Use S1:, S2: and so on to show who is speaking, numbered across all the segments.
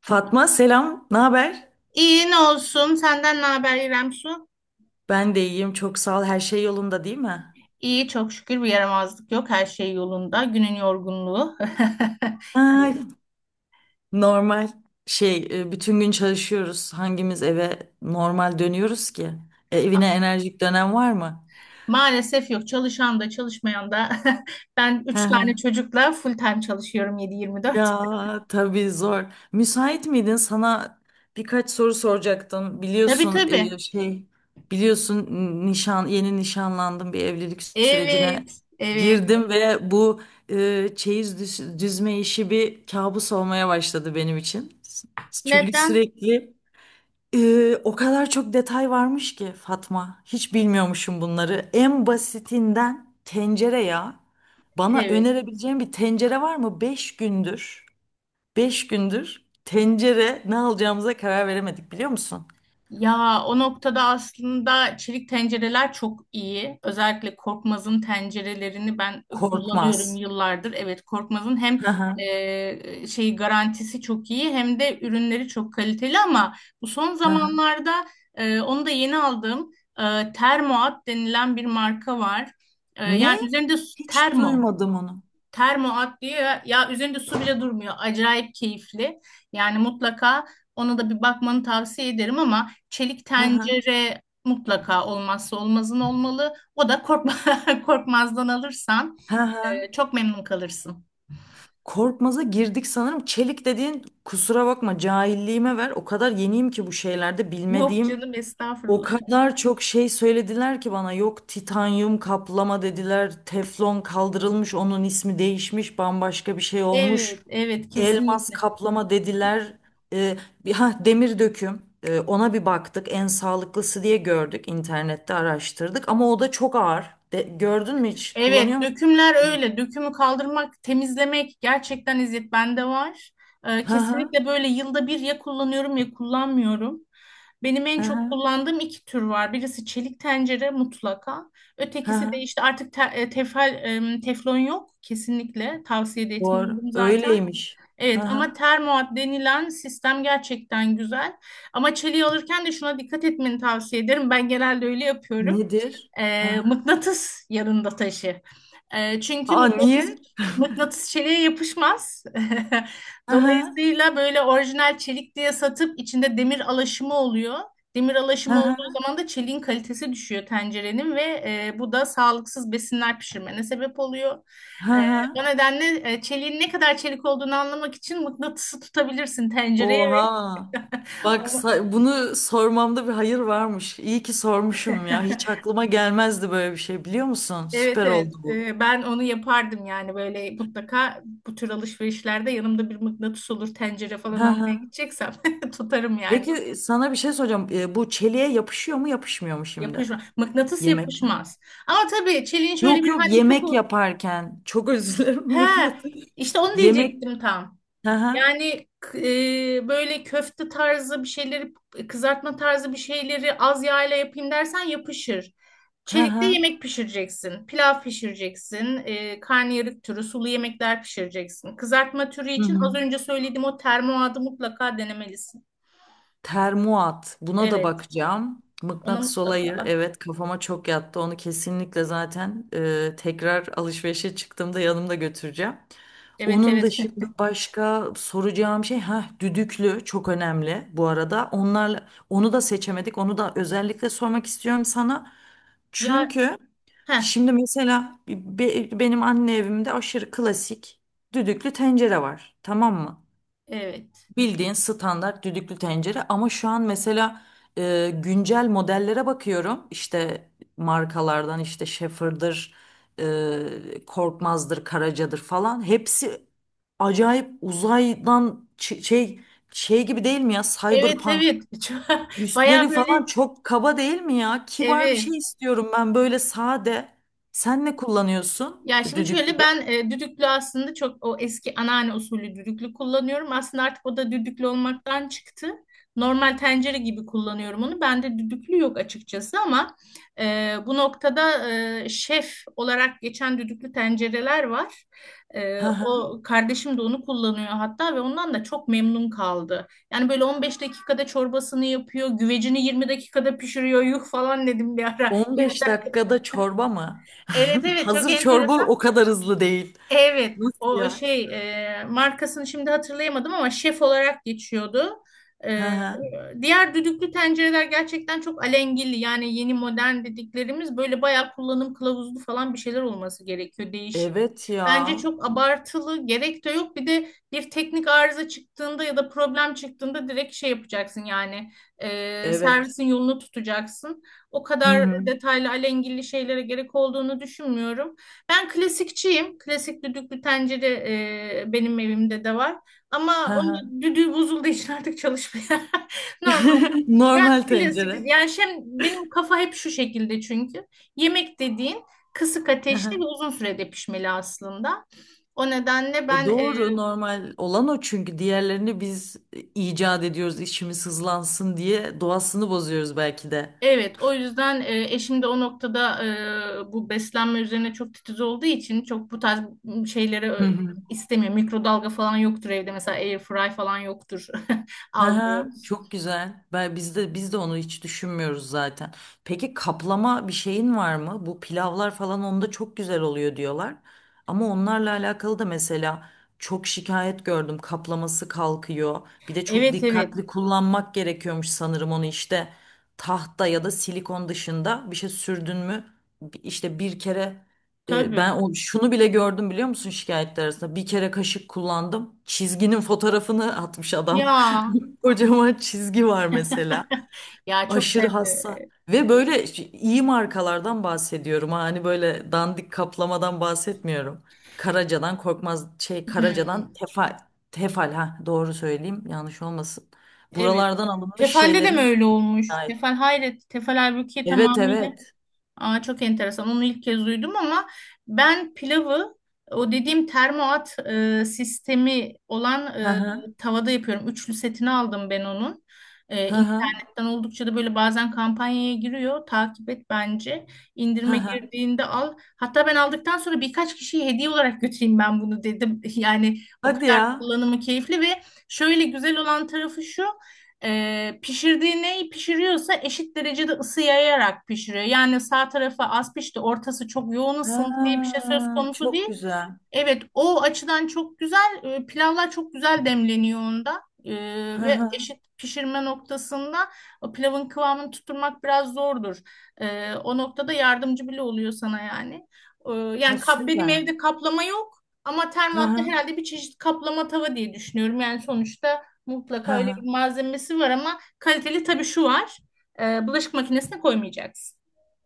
S1: Fatma selam, ne haber?
S2: İyi ne olsun? Senden ne haber İrem Su?
S1: Ben de iyiyim, çok sağ ol. Her şey yolunda değil mi?
S2: İyi çok şükür bir yaramazlık yok. Her şey yolunda. Günün yorgunluğu.
S1: Ay,
S2: İyi.
S1: normal şey, bütün gün çalışıyoruz. Hangimiz eve normal dönüyoruz ki? Evine enerjik dönem var mı?
S2: Maalesef yok. Çalışan da çalışmayan da. Ben
S1: Hı
S2: üç
S1: hı.
S2: tane çocukla full time çalışıyorum 7-24.
S1: Ya tabii zor. Müsait miydin? Sana birkaç soru soracaktım.
S2: Tabii
S1: Biliyorsun
S2: tabii.
S1: şey biliyorsun nişan yeni nişanlandım, bir evlilik sürecine
S2: Evet. Evet.
S1: girdim ve bu çeyiz düzme işi bir kabus olmaya başladı benim için. Çünkü
S2: Neden?
S1: sürekli o kadar çok detay varmış ki Fatma. Hiç bilmiyormuşum bunları. En basitinden tencere ya. Bana
S2: Evet.
S1: önerebileceğin bir tencere var mı? Beş gündür. Beş gündür tencere ne alacağımıza karar veremedik biliyor musun?
S2: Ya o noktada aslında çelik tencereler çok iyi. Özellikle Korkmaz'ın tencerelerini ben kullanıyorum
S1: Korkmaz.
S2: yıllardır. Evet Korkmaz'ın hem
S1: Hı hı,
S2: şey garantisi çok iyi hem de ürünleri çok kaliteli, ama bu son
S1: hı hı.
S2: zamanlarda onu da yeni aldığım Termoat denilen bir marka var.
S1: Ne?
S2: Yani üzerinde
S1: Hiç
S2: termo,
S1: duymadım onu.
S2: Termoat diyor ya, ya üzerinde su bile durmuyor. Acayip keyifli. Yani mutlaka ona da bir bakmanı tavsiye ederim, ama çelik
S1: Hı hı,
S2: tencere mutlaka olmazsa olmazın olmalı. O da korkma, Korkmaz'dan alırsan
S1: hı hı.
S2: çok memnun kalırsın.
S1: Korkmaz'a girdik sanırım. Çelik dediğin, kusura bakma cahilliğime ver. O kadar yeniyim ki bu şeylerde,
S2: Yok
S1: bilmediğim
S2: canım
S1: o
S2: estağfurullah.
S1: kadar çok şey söylediler ki bana. Yok titanyum kaplama dediler, teflon kaldırılmış, onun ismi değişmiş, bambaşka bir şey
S2: Evet,
S1: olmuş.
S2: evet
S1: Elmas
S2: kesinlikle.
S1: kaplama dediler. Ee, bir ha demir döküm. Ona bir baktık. En sağlıklısı diye gördük. İnternette araştırdık ama o da çok ağır. Gördün mü hiç?
S2: Evet,
S1: Kullanıyor musun?
S2: dökümler
S1: Demir döküm?
S2: öyle. Dökümü kaldırmak, temizlemek gerçekten eziyet, bende var.
S1: Hı hı.
S2: Kesinlikle böyle yılda bir ya kullanıyorum ya kullanmıyorum. Benim en
S1: Hı
S2: çok
S1: hı.
S2: kullandığım iki tür var. Birisi çelik tencere mutlaka.
S1: Hı
S2: Ötekisi
S1: hı.
S2: de işte artık tefal, teflon yok. Kesinlikle tavsiye de
S1: Doğru.
S2: etmiyorum zaten.
S1: Öyleymiş. Hı
S2: Evet,
S1: hı.
S2: ama termoat denilen sistem gerçekten güzel. Ama çeliği alırken de şuna dikkat etmeni tavsiye ederim. Ben genelde öyle yapıyorum.
S1: Nedir? Hı hı.
S2: Mıknatıs yanında taşı. Çünkü
S1: Aa niye?
S2: mıknatıs çeliğe yapışmaz.
S1: Hı hı.
S2: Dolayısıyla böyle orijinal çelik diye satıp içinde demir alaşımı oluyor. Demir
S1: Hı
S2: alaşımı olduğu
S1: hı.
S2: zaman da çeliğin kalitesi düşüyor tencerenin ve bu da sağlıksız besinler pişirmene sebep oluyor.
S1: Hı
S2: E,
S1: hı.
S2: O nedenle çeliğin ne kadar çelik olduğunu anlamak için mıknatısı tutabilirsin tencereye, ve
S1: Oha. Bak
S2: onu
S1: bunu sormamda bir hayır varmış. İyi ki sormuşum ya. Hiç aklıma gelmezdi böyle bir şey, biliyor musun?
S2: evet,
S1: Süper
S2: evet.
S1: oldu bu.
S2: Ben onu yapardım yani, böyle mutlaka bu tür alışverişlerde yanımda bir mıknatıs olur, tencere falan
S1: Hı
S2: almaya
S1: hı.
S2: gideceksem tutarım yani.
S1: Peki sana bir şey soracağım. Bu çeliğe yapışıyor mu yapışmıyor mu şimdi?
S2: Yapışmaz, mıknatıs
S1: Yemekler.
S2: yapışmaz, ama tabii çeliğin şöyle
S1: Yok
S2: bir
S1: yok, yemek
S2: handikapı,
S1: yaparken. Çok özür dilerim
S2: he
S1: mıknatıs.
S2: işte onu
S1: Yemek.
S2: diyecektim tam.
S1: Hı hı.
S2: Yani böyle köfte tarzı bir şeyleri, kızartma tarzı bir şeyleri az yağla yapayım dersen yapışır.
S1: Hı
S2: Çelikte
S1: hı.
S2: yemek pişireceksin, pilav pişireceksin, karnıyarık türü sulu yemekler pişireceksin. Kızartma türü
S1: Hı
S2: için az
S1: hı.
S2: önce söylediğim o termoadı mutlaka denemelisin.
S1: Termuat. Buna da
S2: Evet,
S1: bakacağım.
S2: ona
S1: Mıknatıs
S2: mutlaka
S1: olayı,
S2: bak.
S1: evet, kafama çok yattı. Onu kesinlikle zaten tekrar alışverişe çıktığımda yanımda götüreceğim.
S2: Evet
S1: Onun
S2: evet.
S1: dışında başka soracağım şey, ha, düdüklü çok önemli bu arada. Onlarla onu da seçemedik. Onu da özellikle sormak istiyorum sana.
S2: Ya
S1: Çünkü
S2: heh,
S1: şimdi mesela benim anne evimde aşırı klasik düdüklü tencere var. Tamam mı?
S2: evet.
S1: Bildiğin standart düdüklü tencere ama şu an mesela güncel modellere bakıyorum. İşte markalardan işte Schaefer'dır, Korkmaz'dır, Karaca'dır falan. Hepsi acayip, uzaydan şey, şey gibi değil mi ya?
S2: Evet
S1: Cyberpunk.
S2: evet. Baya
S1: Üstleri falan
S2: böyle
S1: çok kaba değil mi ya? Kibar bir
S2: evet.
S1: şey istiyorum ben, böyle sade. Sen ne kullanıyorsun
S2: Ya şimdi şöyle,
S1: düdüklüde?
S2: ben düdüklü aslında, çok o eski anneanne usulü düdüklü kullanıyorum. Aslında artık o da düdüklü olmaktan çıktı. Normal tencere gibi kullanıyorum onu. Bende düdüklü yok açıkçası, ama bu noktada şef olarak geçen düdüklü tencereler var. O, kardeşim de onu kullanıyor hatta, ve ondan da çok memnun kaldı. Yani böyle 15 dakikada çorbasını yapıyor, güvecini 20 dakikada pişiriyor. Yuh falan dedim bir ara. 20
S1: 15
S2: dakika.
S1: dakikada çorba mı?
S2: Evet evet, çok
S1: Hazır çorba
S2: enteresan.
S1: o kadar hızlı değil.
S2: Evet,
S1: Nasıl
S2: o
S1: ya?
S2: şey, markasını şimdi hatırlayamadım, ama şef olarak geçiyordu.
S1: Hı
S2: E,
S1: hı.
S2: Diğer düdüklü tencereler gerçekten çok alengili, yani yeni modern dediklerimiz böyle bayağı kullanım kılavuzlu falan bir şeyler olması gerekiyor değişik.
S1: Evet
S2: Bence
S1: ya.
S2: çok abartılı gerek de yok. Bir de bir teknik arıza çıktığında ya da problem çıktığında direkt şey yapacaksın yani,
S1: Evet.
S2: servisin yolunu tutacaksın. O
S1: Hı
S2: kadar
S1: hı.
S2: detaylı alengili şeylere gerek olduğunu düşünmüyorum. Ben klasikçiyim. Klasik düdüklü tencere benim evimde de var.
S1: Hı
S2: Ama onun
S1: hı.
S2: da düdüğü bozulduğu için artık çalışmıyor. Normal. Ben
S1: Normal
S2: klasik.
S1: tencere.
S2: Yani şey, benim kafa hep şu şekilde çünkü. Yemek dediğin kısık
S1: Hı
S2: ateşte
S1: hı.
S2: ve uzun sürede pişmeli aslında. O nedenle
S1: E
S2: ben
S1: doğru, normal olan o çünkü, diğerlerini biz icat ediyoruz, işimiz hızlansın diye doğasını bozuyoruz belki de.
S2: evet, o yüzden eşim de o noktada bu beslenme üzerine çok titiz olduğu için çok bu tarz şeyleri
S1: Hı hı.
S2: istemiyor. Mikrodalga falan yoktur evde mesela, air fry falan yoktur.
S1: Hı hı,
S2: Almıyoruz.
S1: çok güzel. Ben biz de onu hiç düşünmüyoruz zaten. Peki kaplama bir şeyin var mı? Bu pilavlar falan onda çok güzel oluyor diyorlar. Ama onlarla alakalı da mesela çok şikayet gördüm. Kaplaması kalkıyor. Bir de çok
S2: Evet evet
S1: dikkatli kullanmak gerekiyormuş sanırım onu, işte tahta ya da silikon dışında bir şey sürdün mü? İşte bir kere ben
S2: tabii.
S1: o, şunu bile gördüm biliyor musun şikayetler arasında. Bir kere kaşık kullandım. Çizginin fotoğrafını atmış adam.
S2: Ya
S1: Kocaman çizgi var mesela.
S2: ya çok da
S1: Aşırı hassas. Ve böyle iyi markalardan bahsediyorum, ha. Hani böyle dandik kaplamadan bahsetmiyorum. Karaca'dan korkmaz, şey, Karaca'dan
S2: hmm,
S1: Tefal. Tefal, ha, doğru söyleyeyim yanlış olmasın.
S2: evet.
S1: Buralardan alınmış
S2: Tefal'de de mi
S1: şeylerin
S2: öyle olmuş?
S1: şahit.
S2: Tefal hayret. Tefal halbuki
S1: Evet
S2: tamamıyla,
S1: evet.
S2: aa, çok enteresan. Onu ilk kez duydum, ama ben pilavı o dediğim termoat sistemi olan
S1: Hı hı.
S2: tavada yapıyorum. Üçlü setini aldım ben onun.
S1: Hı hı.
S2: İnternetten oldukça da böyle bazen kampanyaya giriyor. Takip et bence.
S1: Hı
S2: İndirime
S1: hı.
S2: girdiğinde al. Hatta ben aldıktan sonra birkaç kişiye hediye olarak götüreyim ben bunu dedim. Yani o
S1: Hadi
S2: kadar
S1: ya.
S2: kullanımı keyifli. Ve şöyle güzel olan tarafı şu. Pişirdiği, neyi pişiriyorsa eşit derecede ısı yayarak pişiriyor. Yani sağ tarafı az pişti, ortası çok yoğun ısındı diye bir şey
S1: Ha,
S2: söz konusu
S1: çok
S2: değil.
S1: güzel.
S2: Evet, o açıdan çok güzel. Pilavlar çok güzel demleniyor onda.
S1: Hı
S2: Ve
S1: hı.
S2: eşit pişirme noktasında o pilavın kıvamını tutturmak biraz zordur. O noktada yardımcı bile oluyor sana yani.
S1: Ha,
S2: Yani kap, benim
S1: süper.
S2: evde kaplama yok, ama
S1: Hı
S2: termoatta
S1: hı.
S2: herhalde bir çeşit kaplama tava diye düşünüyorum. Yani sonuçta
S1: Hı
S2: mutlaka öyle
S1: hı.
S2: bir malzemesi var, ama kaliteli. Tabii şu var, bulaşık makinesine koymayacaksın.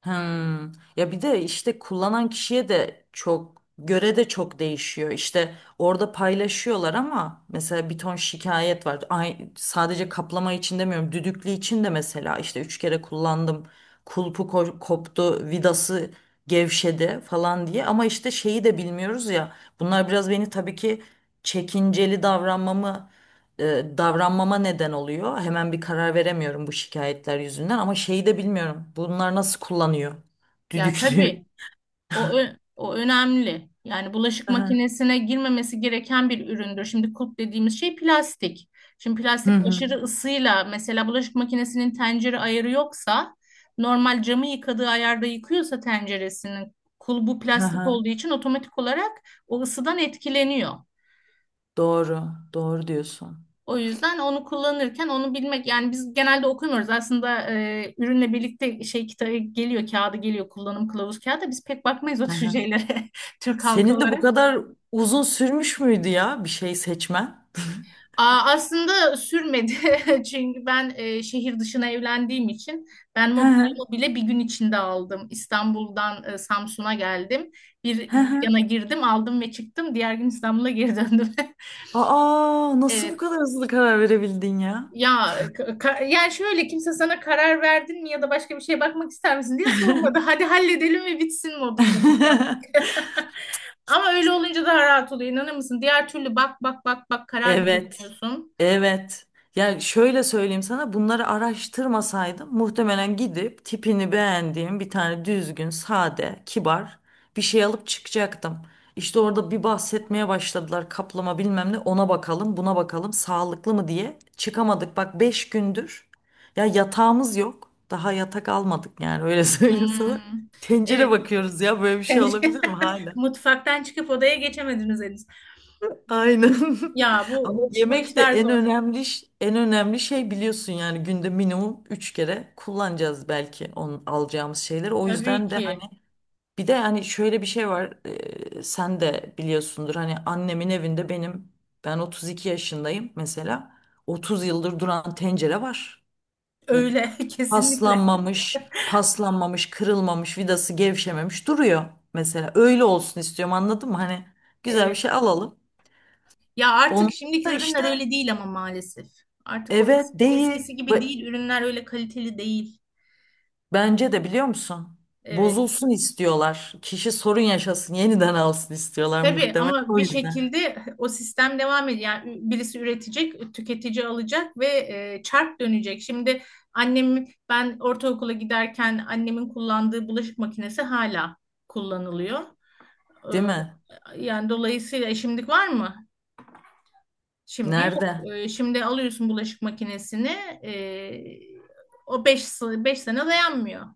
S1: Hmm. Ya bir de işte kullanan kişiye de çok göre de çok değişiyor. İşte orada paylaşıyorlar ama mesela bir ton şikayet var. Ay, sadece kaplama için demiyorum. Düdüklü için de mesela işte üç kere kullandım. Kulpu koptu, vidası gevşedi falan diye. Ama işte şeyi de bilmiyoruz ya. Bunlar biraz beni tabii ki çekinceli davranmamı, davranmama neden oluyor. Hemen bir karar veremiyorum bu şikayetler yüzünden ama şeyi de bilmiyorum. Bunlar nasıl kullanıyor?
S2: Ya
S1: Düdüklüyor.
S2: tabii. O önemli. Yani bulaşık
S1: Aha.
S2: makinesine girmemesi gereken bir üründür. Şimdi kulp dediğimiz şey plastik. Şimdi
S1: Hı
S2: plastik
S1: hı.
S2: aşırı ısıyla, mesela bulaşık makinesinin tencere ayarı yoksa, normal camı yıkadığı ayarda yıkıyorsa tenceresinin, kulbu
S1: Hı
S2: plastik
S1: hı.
S2: olduğu için otomatik olarak o ısıdan etkileniyor.
S1: Doğru. Doğru diyorsun.
S2: O yüzden onu kullanırken onu bilmek. Yani biz genelde okumuyoruz. Aslında ürünle birlikte şey kitabı geliyor, kağıdı geliyor, kullanım kılavuz kağıdı. Biz pek bakmayız o
S1: Hı
S2: tür
S1: hı.
S2: şeylere. Türk halkı
S1: Senin de bu
S2: olarak.
S1: kadar uzun sürmüş müydü ya bir şey seçmen?
S2: Aa, aslında sürmedi çünkü ben şehir dışına evlendiğim için ben
S1: Hı hı.
S2: mobilyamı bile bir gün içinde aldım. İstanbul'dan Samsun'a geldim. Bir
S1: Hı hı.
S2: dükkana girdim, aldım ve çıktım. Diğer gün İstanbul'a geri döndüm.
S1: Aa, nasıl bu
S2: Evet.
S1: kadar hızlı karar verebildin ya?
S2: Ya yani şöyle, kimse sana karar verdin mi ya da başka bir şeye bakmak ister misin diye sormadı. Hadi halledelim ve bitsin modunda biz yaptık. Ama öyle olunca daha rahat oluyor. İnanır mısın? Diğer türlü bak bak bak bak, karar da
S1: Evet.
S2: veremiyorsun.
S1: Evet. Ya şöyle söyleyeyim sana, bunları araştırmasaydım muhtemelen gidip tipini beğendiğim bir tane düzgün, sade, kibar bir şey alıp çıkacaktım. İşte orada bir bahsetmeye başladılar kaplama bilmem ne, ona bakalım, buna bakalım, sağlıklı mı diye çıkamadık. Bak 5 gündür ya, yatağımız yok, daha yatak almadık yani, öyle söyleyeyim sana.
S2: Hmm.
S1: Tencere
S2: Evet.
S1: bakıyoruz ya, böyle bir şey
S2: Pencere-
S1: olabilir mi hala?
S2: Mutfaktan çıkıp odaya geçemediniz henüz.
S1: Aynen.
S2: Ya
S1: Ama
S2: bu
S1: yemek de
S2: işler
S1: en
S2: zor.
S1: önemli en önemli şey biliyorsun, yani günde minimum 3 kere kullanacağız belki onun, alacağımız şeyleri. O
S2: Tabii
S1: yüzden de hani
S2: ki.
S1: bir de hani şöyle bir şey var. Sen de biliyorsundur hani annemin evinde benim, ben 32 yaşındayım mesela. 30 yıldır duran tencere var.
S2: Öyle kesinlikle.
S1: Paslanmamış, paslanmamış, kırılmamış, vidası gevşememiş duruyor mesela. Öyle olsun istiyorum, anladın mı? Hani güzel bir
S2: Evet.
S1: şey alalım.
S2: Ya artık
S1: Onu
S2: şimdiki
S1: da işte.
S2: ürünler öyle değil ama maalesef. Artık o
S1: Evet,
S2: eski,
S1: değil.
S2: eskisi gibi
S1: Ba-
S2: değil. Ürünler öyle kaliteli değil.
S1: Bence de, biliyor musun?
S2: Evet.
S1: Bozulsun istiyorlar. Kişi sorun yaşasın, yeniden alsın istiyorlar
S2: Tabii,
S1: muhtemelen,
S2: ama
S1: o
S2: bir
S1: yüzden.
S2: şekilde o sistem devam ediyor. Yani birisi üretecek, tüketici alacak ve çark dönecek. Şimdi annem, ben ortaokula giderken annemin kullandığı bulaşık makinesi hala kullanılıyor.
S1: Değil mi?
S2: Ee, Yani dolayısıyla şimdilik var mı? Şimdi yok.
S1: Nerede?
S2: Şimdi alıyorsun bulaşık makinesini. ee, O 5 sene dayanmıyor.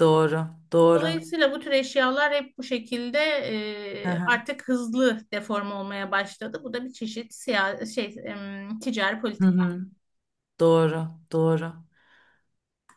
S1: Doğru, doğru.
S2: Dolayısıyla bu tür eşyalar hep bu şekilde
S1: Hı hı.
S2: artık hızlı deforme olmaya başladı. Bu da bir çeşit siya şey, ticari
S1: Hı
S2: politika.
S1: hı. Doğru, doğru.